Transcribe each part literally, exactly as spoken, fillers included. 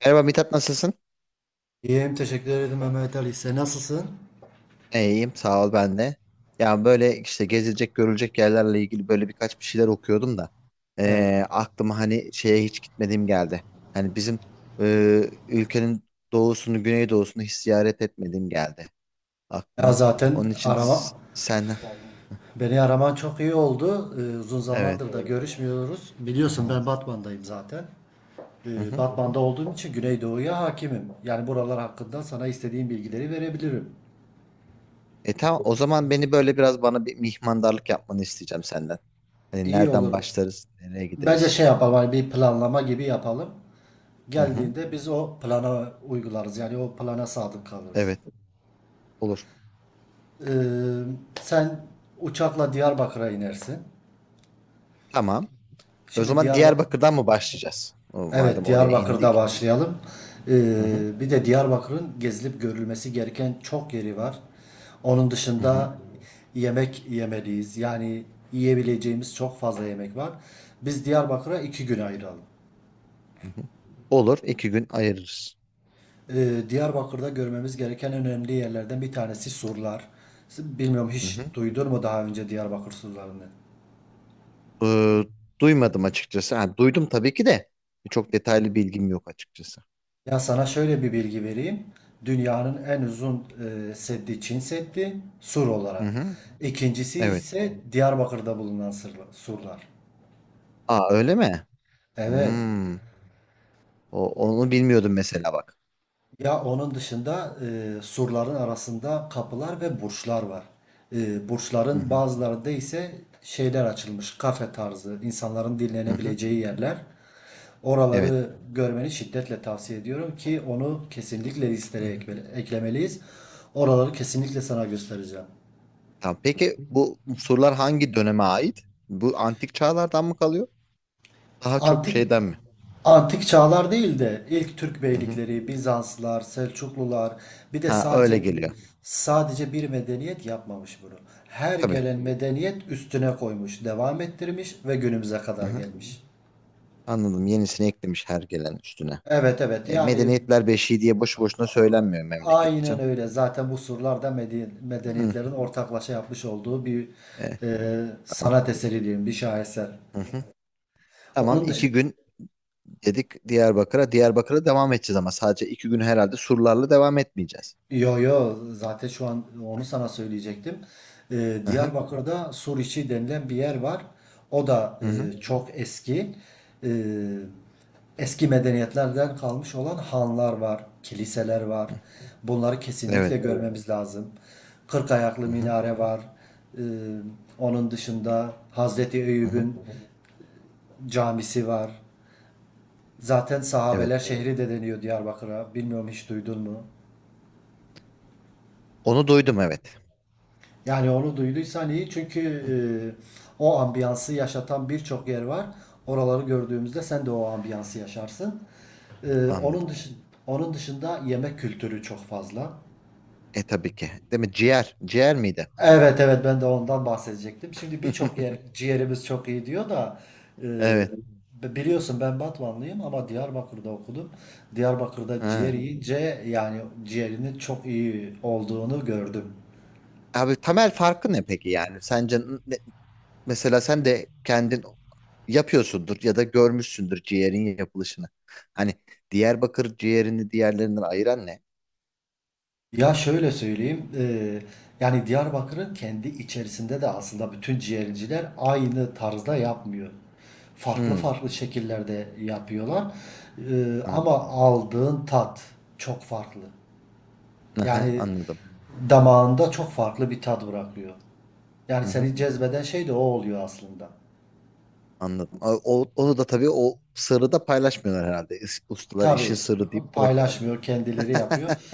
Merhaba Mithat, nasılsın? İyiyim, teşekkür ederim Mehmet Ali. Sen nasılsın? İyiyim sağ ol ben de. Ya böyle işte gezilecek görülecek yerlerle ilgili böyle birkaç bir şeyler okuyordum da Evet. eee, aklıma hani şeye hiç gitmediğim geldi. Hani bizim eee, ülkenin doğusunu güneydoğusunu hiç ziyaret etmediğim geldi Ya aklıma. zaten Onun için s- arama, senden beni araman çok iyi oldu. Ee, uzun evet. zamandır da, evet, görüşmüyoruz. Biliyorsun ben Batman'dayım zaten. Hı Ee, hı. Batman'da olduğum için Güneydoğu'ya hakimim. Yani buralar hakkında sana istediğim bilgileri verebilirim. E tamam, o zaman beni böyle biraz bana bir mihmandarlık yapmanı isteyeceğim senden. Hani İyi nereden olur. başlarız, nereye Bence gideriz? şey yapalım, hani bir planlama gibi yapalım. Hı hı. Geldiğinde biz o plana uygularız. Yani o plana sadık kalırız. Evet, olur. Ee, sen uçakla Diyarbakır'a inersin. Tamam. O Şimdi zaman Diyarbakır Diyarbakır'dan mı başlayacağız? O- Evet, madem oraya Diyarbakır'da indik. başlayalım. Ee, Hı hı, bir de Diyarbakır'ın gezilip görülmesi gereken çok yeri var. Onun hı hı, dışında yemek yemeliyiz. Yani yiyebileceğimiz çok fazla yemek var. Biz Diyarbakır'a iki gün ayıralım. hı hı. Olur, iki gün ayırırız. Ee, Diyarbakır'da görmemiz gereken önemli yerlerden bir tanesi surlar. Bilmiyorum Hı hiç hı. duydun mu daha önce Diyarbakır surlarını? Ee, duymadım açıkçası. Ha, duydum tabii ki de çok detaylı bilgim yok açıkçası. Ya sana şöyle bir bilgi vereyim. Dünyanın en uzun e, seddi Çin Seddi sur Hı olarak. hı, İkincisi evet. ise Diyarbakır'da bulunan sırla- surlar. Aa, öyle mi? Evet. Hmm. O, onu bilmiyordum mesela bak. Ya onun dışında e, surların arasında kapılar ve burçlar var. E, Hı burçların hı, bazılarında ise şeyler açılmış. Kafe tarzı, insanların hı hı, dinlenebileceği yerler. evet. Oraları görmeni şiddetle tavsiye ediyorum ki onu kesinlikle Hı listeye hı. ekmeli- eklemeliyiz. Oraları kesinlikle sana göstereceğim. Tamam. Peki bu sorular hangi döneme ait? Bu antik çağlardan mı kalıyor? Daha çok Antik şeyden mi? antik çağlar değil de ilk Türk Hı hı. beylikleri, Bizanslar, Selçuklular bir de Ha, öyle sadece geliyor. sadece bir medeniyet yapmamış bunu. Her Tabii. gelen medeniyet üstüne koymuş, devam ettirmiş ve günümüze Hı kadar hı. gelmiş. Anladım. Yenisini eklemiş her gelen üstüne. Evet evet, E, yani medeniyetler beşiği diye boşu boşuna söylenmiyor memlekete aynen canım. öyle. Zaten bu surlar da mede- Hı, medeniyetlerin ortaklaşa yapmış olduğu bir e, e, tamam. sanat eseri diyeyim, bir şaheser. Hı hı. Tamam, Onun iki dışı gün dedik Diyarbakır'a. Diyarbakır'a devam edeceğiz ama sadece iki gün herhalde surlarla devam etmeyeceğiz. Yo yo, zaten şu an onu sana söyleyecektim. Ee, Hı hı. Diyarbakır'da Suriçi denilen bir yer var. O da Hı hı. e, çok eski. Ee, eski medeniyetlerden kalmış olan hanlar var, kiliseler var. Hı. Bunları kesinlikle, Evet. evet, görmemiz lazım. Kırk ayaklı Hı hı. minare var. Ee, onun dışında Hazreti Hı hı. Eyüp'ün camisi var. Zaten Evet. sahabeler şehri de deniyor Diyarbakır'a. Bilmiyorum hiç duydun mu? Onu duydum, evet. Yani onu duyduysan iyi, çünkü Hı hı. e, o ambiyansı yaşatan birçok yer var. Oraları gördüğümüzde sen de o ambiyansı yaşarsın. E, onun Anladım. dışında onun dışında yemek kültürü çok fazla. E tabii ki. Değil mi? Ciğer. Ciğer miydi? Evet evet, ben de ondan bahsedecektim. Şimdi birçok yer ciğerimiz çok iyi diyor da e, Evet. biliyorsun ben Batmanlıyım ama Diyarbakır'da okudum. Diyarbakır'da ciğer Ha. yiyince yani ciğerinin çok iyi olduğunu gördüm. Abi, temel farkı ne peki yani? Sence mesela sen de kendin yapıyorsundur ya da görmüşsündür ciğerin yapılışını. Hani Diyarbakır ciğerini diğerlerinden ayıran ne? Ya şöyle söyleyeyim, eee, yani Diyarbakır'ın kendi içerisinde de aslında bütün ciğerciler aynı tarzda yapmıyor. Farklı Hmm, farklı şekillerde yapıyorlar. Eee, anladım. ama aldığın tat çok farklı. Aha, Yani anladım. damağında çok farklı bir tat bırakıyor. Yani Hı hı, seni cezbeden şey de o oluyor aslında. anladım. O, o- onu da tabii o sırrı da paylaşmıyorlar herhalde. İs- Ustalar işin Tabii sırrı deyip bırakıyorlar. paylaşmıyor, kendileri yapıyor.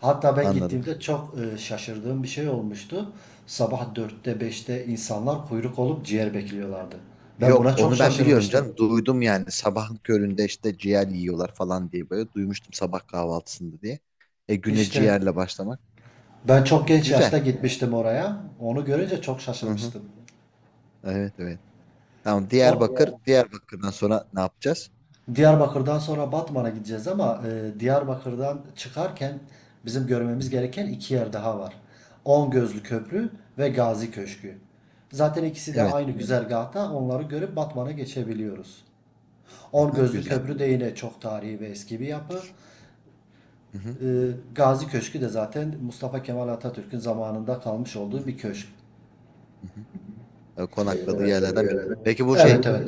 Hatta ben Anladım. gittiğimde çok e, şaşırdığım bir şey olmuştu. Sabah dörtte beşte insanlar kuyruk olup ciğer bekliyorlardı. Ben Yok, buna çok onu ben biliyorum şaşırmıştım. canım. Duydum yani, sabahın köründe işte ciğer yiyorlar falan diye böyle duymuştum, sabah kahvaltısında diye. E, güne İşte ciğerle başlamak. ben çok E, genç yaşta güzel. gitmiştim oraya. Onu görünce çok Hı hı. şaşırmıştım. Evet, evet. Tamam, O Diyarbakır. Diyarbakır'dan sonra ne yapacağız? Diyarbakır'dan sonra Batman'a gideceğiz, ama e, Diyarbakır'dan çıkarken bizim görmemiz Hı-hı. gereken iki yer daha var. On Gözlü Köprü ve Gazi Köşkü. Zaten ikisi de Evet. aynı güzergahta, onları görüp Batman'a geçebiliyoruz. On Hı, Gözlü güzel. Köprü de yine çok tarihi ve eski bir yapı. Hı-hı. E, Gazi Köşkü de zaten Mustafa Kemal Atatürk'ün zamanında kalmış olduğu bir köşk. Hı-hı. E, Evet, konakladığı yerlerden biri. evet. Peki bu Evet şey, evet.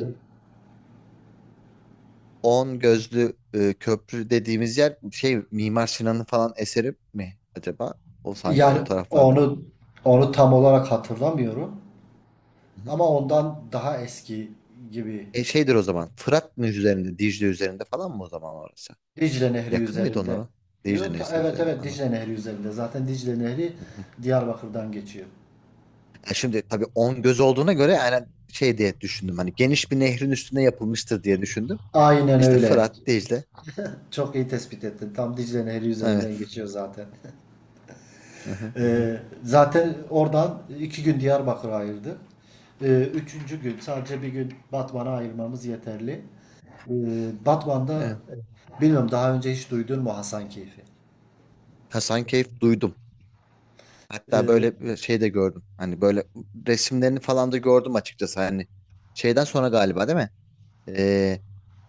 On Gözlü e, Köprü dediğimiz yer şey Mimar Sinan'ın falan eseri mi acaba? O sanki o Yani taraflarda var. onu onu tam olarak hatırlamıyorum. Hı-hı. Ama ondan daha eski gibi. E, şeydir o zaman. Fırat mı üzerinde, Dicle üzerinde falan mı o zaman orası? Dicle Nehri Yakın mıydı üzerinde. onlara? Dicle Yo, ta- Nehri evet üzerinde. evet, Anladım. Dicle Nehri üzerinde. Zaten Dicle Nehri Hı-hı. Diyarbakır'dan geçiyor. E şimdi tabii On Göz olduğuna göre yani şey diye düşündüm. Hani geniş bir nehrin üstüne yapılmıştır diye düşündüm. Aynen İşte öyle. Fırat, Dicle. Çok iyi tespit ettin. Tam Dicle Nehri üzerinden Evet. geçiyor zaten. Aha, Ee, zaten oradan iki gün Diyarbakır'a ayırdık. Ee, üçüncü gün sadece bir gün Batman'a ayırmamız yeterli. Ee, Batman'da evet. e, bilmiyorum daha önce hiç duydun mu Hasankeyf'i? Hasankeyf duydum. Hatta Ee, böyle bir şey de gördüm. Hani böyle resimlerini falan da gördüm açıkçası. Hani şeyden sonra galiba değil mi? Ee,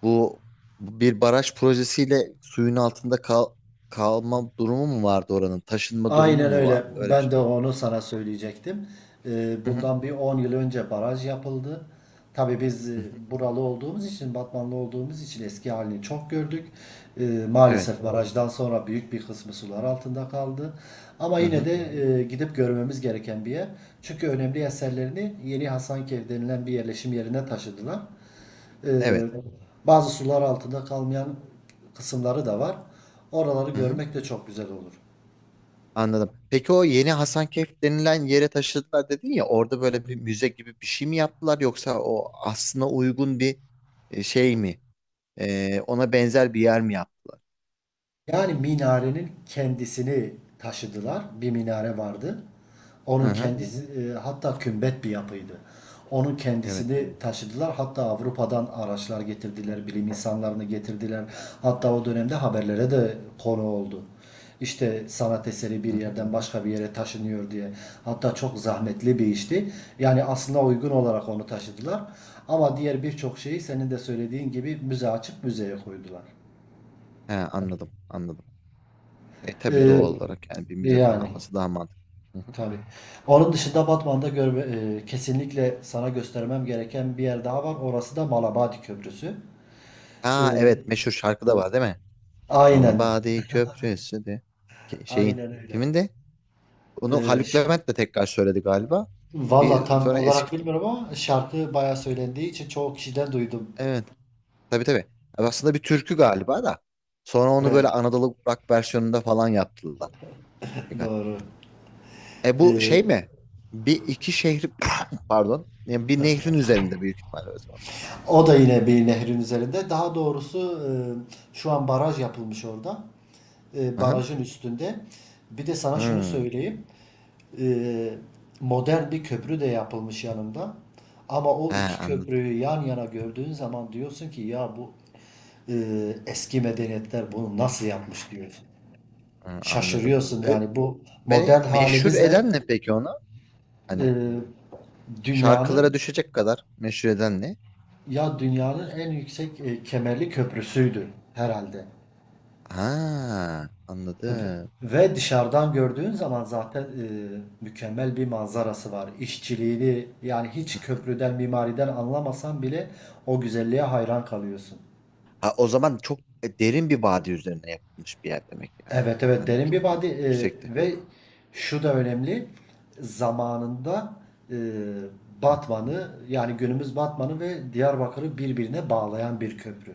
bu bir baraj projesiyle suyun altında kal kalma durumu mu vardı oranın? Taşınma durumu Aynen mu öyle. vardı? Öyle bir Ben şey. de onu sana söyleyecektim. Ee, Hı hı, Bundan bir on yıl önce baraj yapıldı. Tabii biz hı e, hı. buralı olduğumuz için, Batmanlı olduğumuz için eski halini çok gördük. Ee, Evet. Maalesef barajdan sonra büyük bir kısmı sular altında kaldı. Ama Hı yine hı. de e, gidip görmemiz gereken bir yer. Çünkü önemli eserlerini Yeni Hasankeyf denilen bir yerleşim yerine taşıdılar. Evet. Ee, Bazı sular altında kalmayan kısımları da var. Oraları Hı hı. görmek de çok güzel olur. Anladım. Peki o yeni Hasankeyf denilen yere taşıdılar dedin ya, orada böyle bir müze gibi bir şey mi yaptılar yoksa o aslına uygun bir e, şey mi? Ee, ona benzer bir yer mi yaptılar? Yani minarenin kendisini taşıdılar. Bir minare vardı. Hı Onun hı. kendisi, e, hatta kümbet bir yapıydı. Onun Evet. kendisini taşıdılar. Hatta Avrupa'dan araçlar getirdiler, bilim insanlarını getirdiler. Hatta o dönemde haberlere de konu oldu. İşte sanat eseri bir Hı hı. yerden başka bir yere taşınıyor diye. Hatta çok zahmetli bir işti. Yani aslına uygun olarak onu taşıdılar. Ama diğer birçok şeyi senin de söylediğin gibi müze açıp müzeye koydular. He, anladım. Anladım. E tabii, Ee, doğal olarak yani bir müzede yani. kalması daha mantıklı. Hı hı. Tabii. Onun dışında Batman'da görme, e, kesinlikle sana göstermem gereken bir yer daha var. Orası da Malabadi Köprüsü. Aa E, evet, meşhur şarkı da var değil mi? aynen. Malabadi Köprüsü de Ke- şeyin Aynen öyle. kimin de? Onu E, Haluk ş- Levent de tekrar söyledi galiba. valla Bir tam sonra olarak eski bilmiyorum, ama şarkı bayağı söylendiği için çoğu kişiden duydum. evet, tabii tabii. Yani aslında bir türkü galiba da. Sonra onu böyle Evet. Anadolu rock versiyonunda falan yaptılar. Doğru. E, bu E, şey mi? Bir iki şehri pardon. Yani bir nehrin üzerinde büyük ihtimalle o zaman. o da yine bir nehrin üzerinde. Daha doğrusu, e, şu an baraj yapılmış orada. E, Aha. barajın üstünde. Bir de sana şunu Hmm. söyleyeyim. Eee, modern bir köprü de yapılmış yanında. Ama o Ha, iki anladım. köprüyü yan yana gördüğün zaman diyorsun ki ya bu eee, eski medeniyetler bunu nasıl yapmış diyorsun. Ha, anladım. Şaşırıyorsun E, yani bu beni modern meşhur halimizle eden ne peki ona? Hani eee, şarkılara dünyanın düşecek kadar meşhur eden ne? ya dünyanın en yüksek e, kemerli köprüsüydü herhalde. Ha, Ve anladım. ve dışarıdan gördüğün zaman zaten e, mükemmel bir manzarası var. İşçiliğini yani hiç Hı. köprüden, mimariden anlamasan bile o güzelliğe hayran kalıyorsun. Ha, o zaman çok e, derin bir vadi üzerine yapılmış bir yer demek yani. Evet evet, Hani derin çok bir yü- vadi. e, yüksekte. Ve şu da önemli, zamanında e, Hı hı. Batman'ı, yani günümüz Batman'ı ve Diyarbakır'ı birbirine bağlayan bir köprü.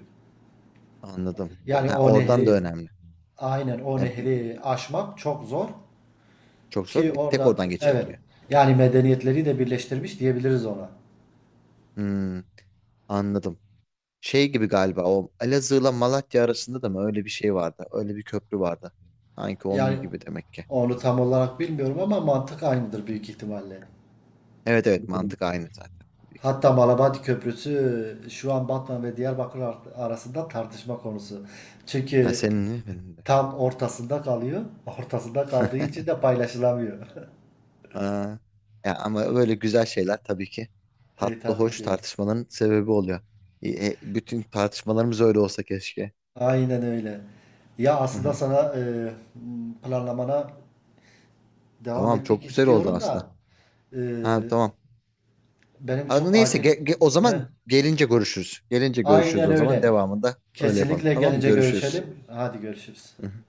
Anladım. Yani Ha, o oradan da nehri önemli. aynen, o Ha, bir- nehri aşmak çok zor. Çok Ki zor. Bir tek orada oradan evet, geçiliyor. yani medeniyetleri de birleştirmiş diyebiliriz ona. Hmm, anladım. Şey gibi galiba, o Elazığ'la Malatya arasında da mı öyle bir şey vardı? Öyle bir köprü vardı. Sanki onun Yani gibi demek ki. onu tam olarak bilmiyorum ama mantık aynıdır, büyük ihtimalle. Evet evet, mantık aynı zaten büyük Hatta ihtimalle. Malabadi Köprüsü şu an Batman ve Diyarbakır ar- arasında tartışma konusu. Ha, Çünkü senin mi benim de. tam ortasında kalıyor. Ortasında kaldığı için de paylaşılamıyor. Aa, ya ama böyle güzel şeyler tabii ki E tatlı tabii hoş ki. tartışmaların sebebi oluyor. E, e, bütün tartışmalarımız öyle olsa keşke. Aynen öyle. Ya Hı aslında hı. sana e, planlamana devam Tamam, etmek çok güzel oldu istiyorum aslında. da, e, Ha, tamam. benim çok Abi, neyse, acil ge- ge- o zaman gelince görüşürüz. Gelince görüşürüz, Aynen o zaman öyle. devamında öyle yapalım. Kesinlikle Tamam mı? gelince Görüşürüz. görüşelim. Hadi görüşürüz. Hı hı.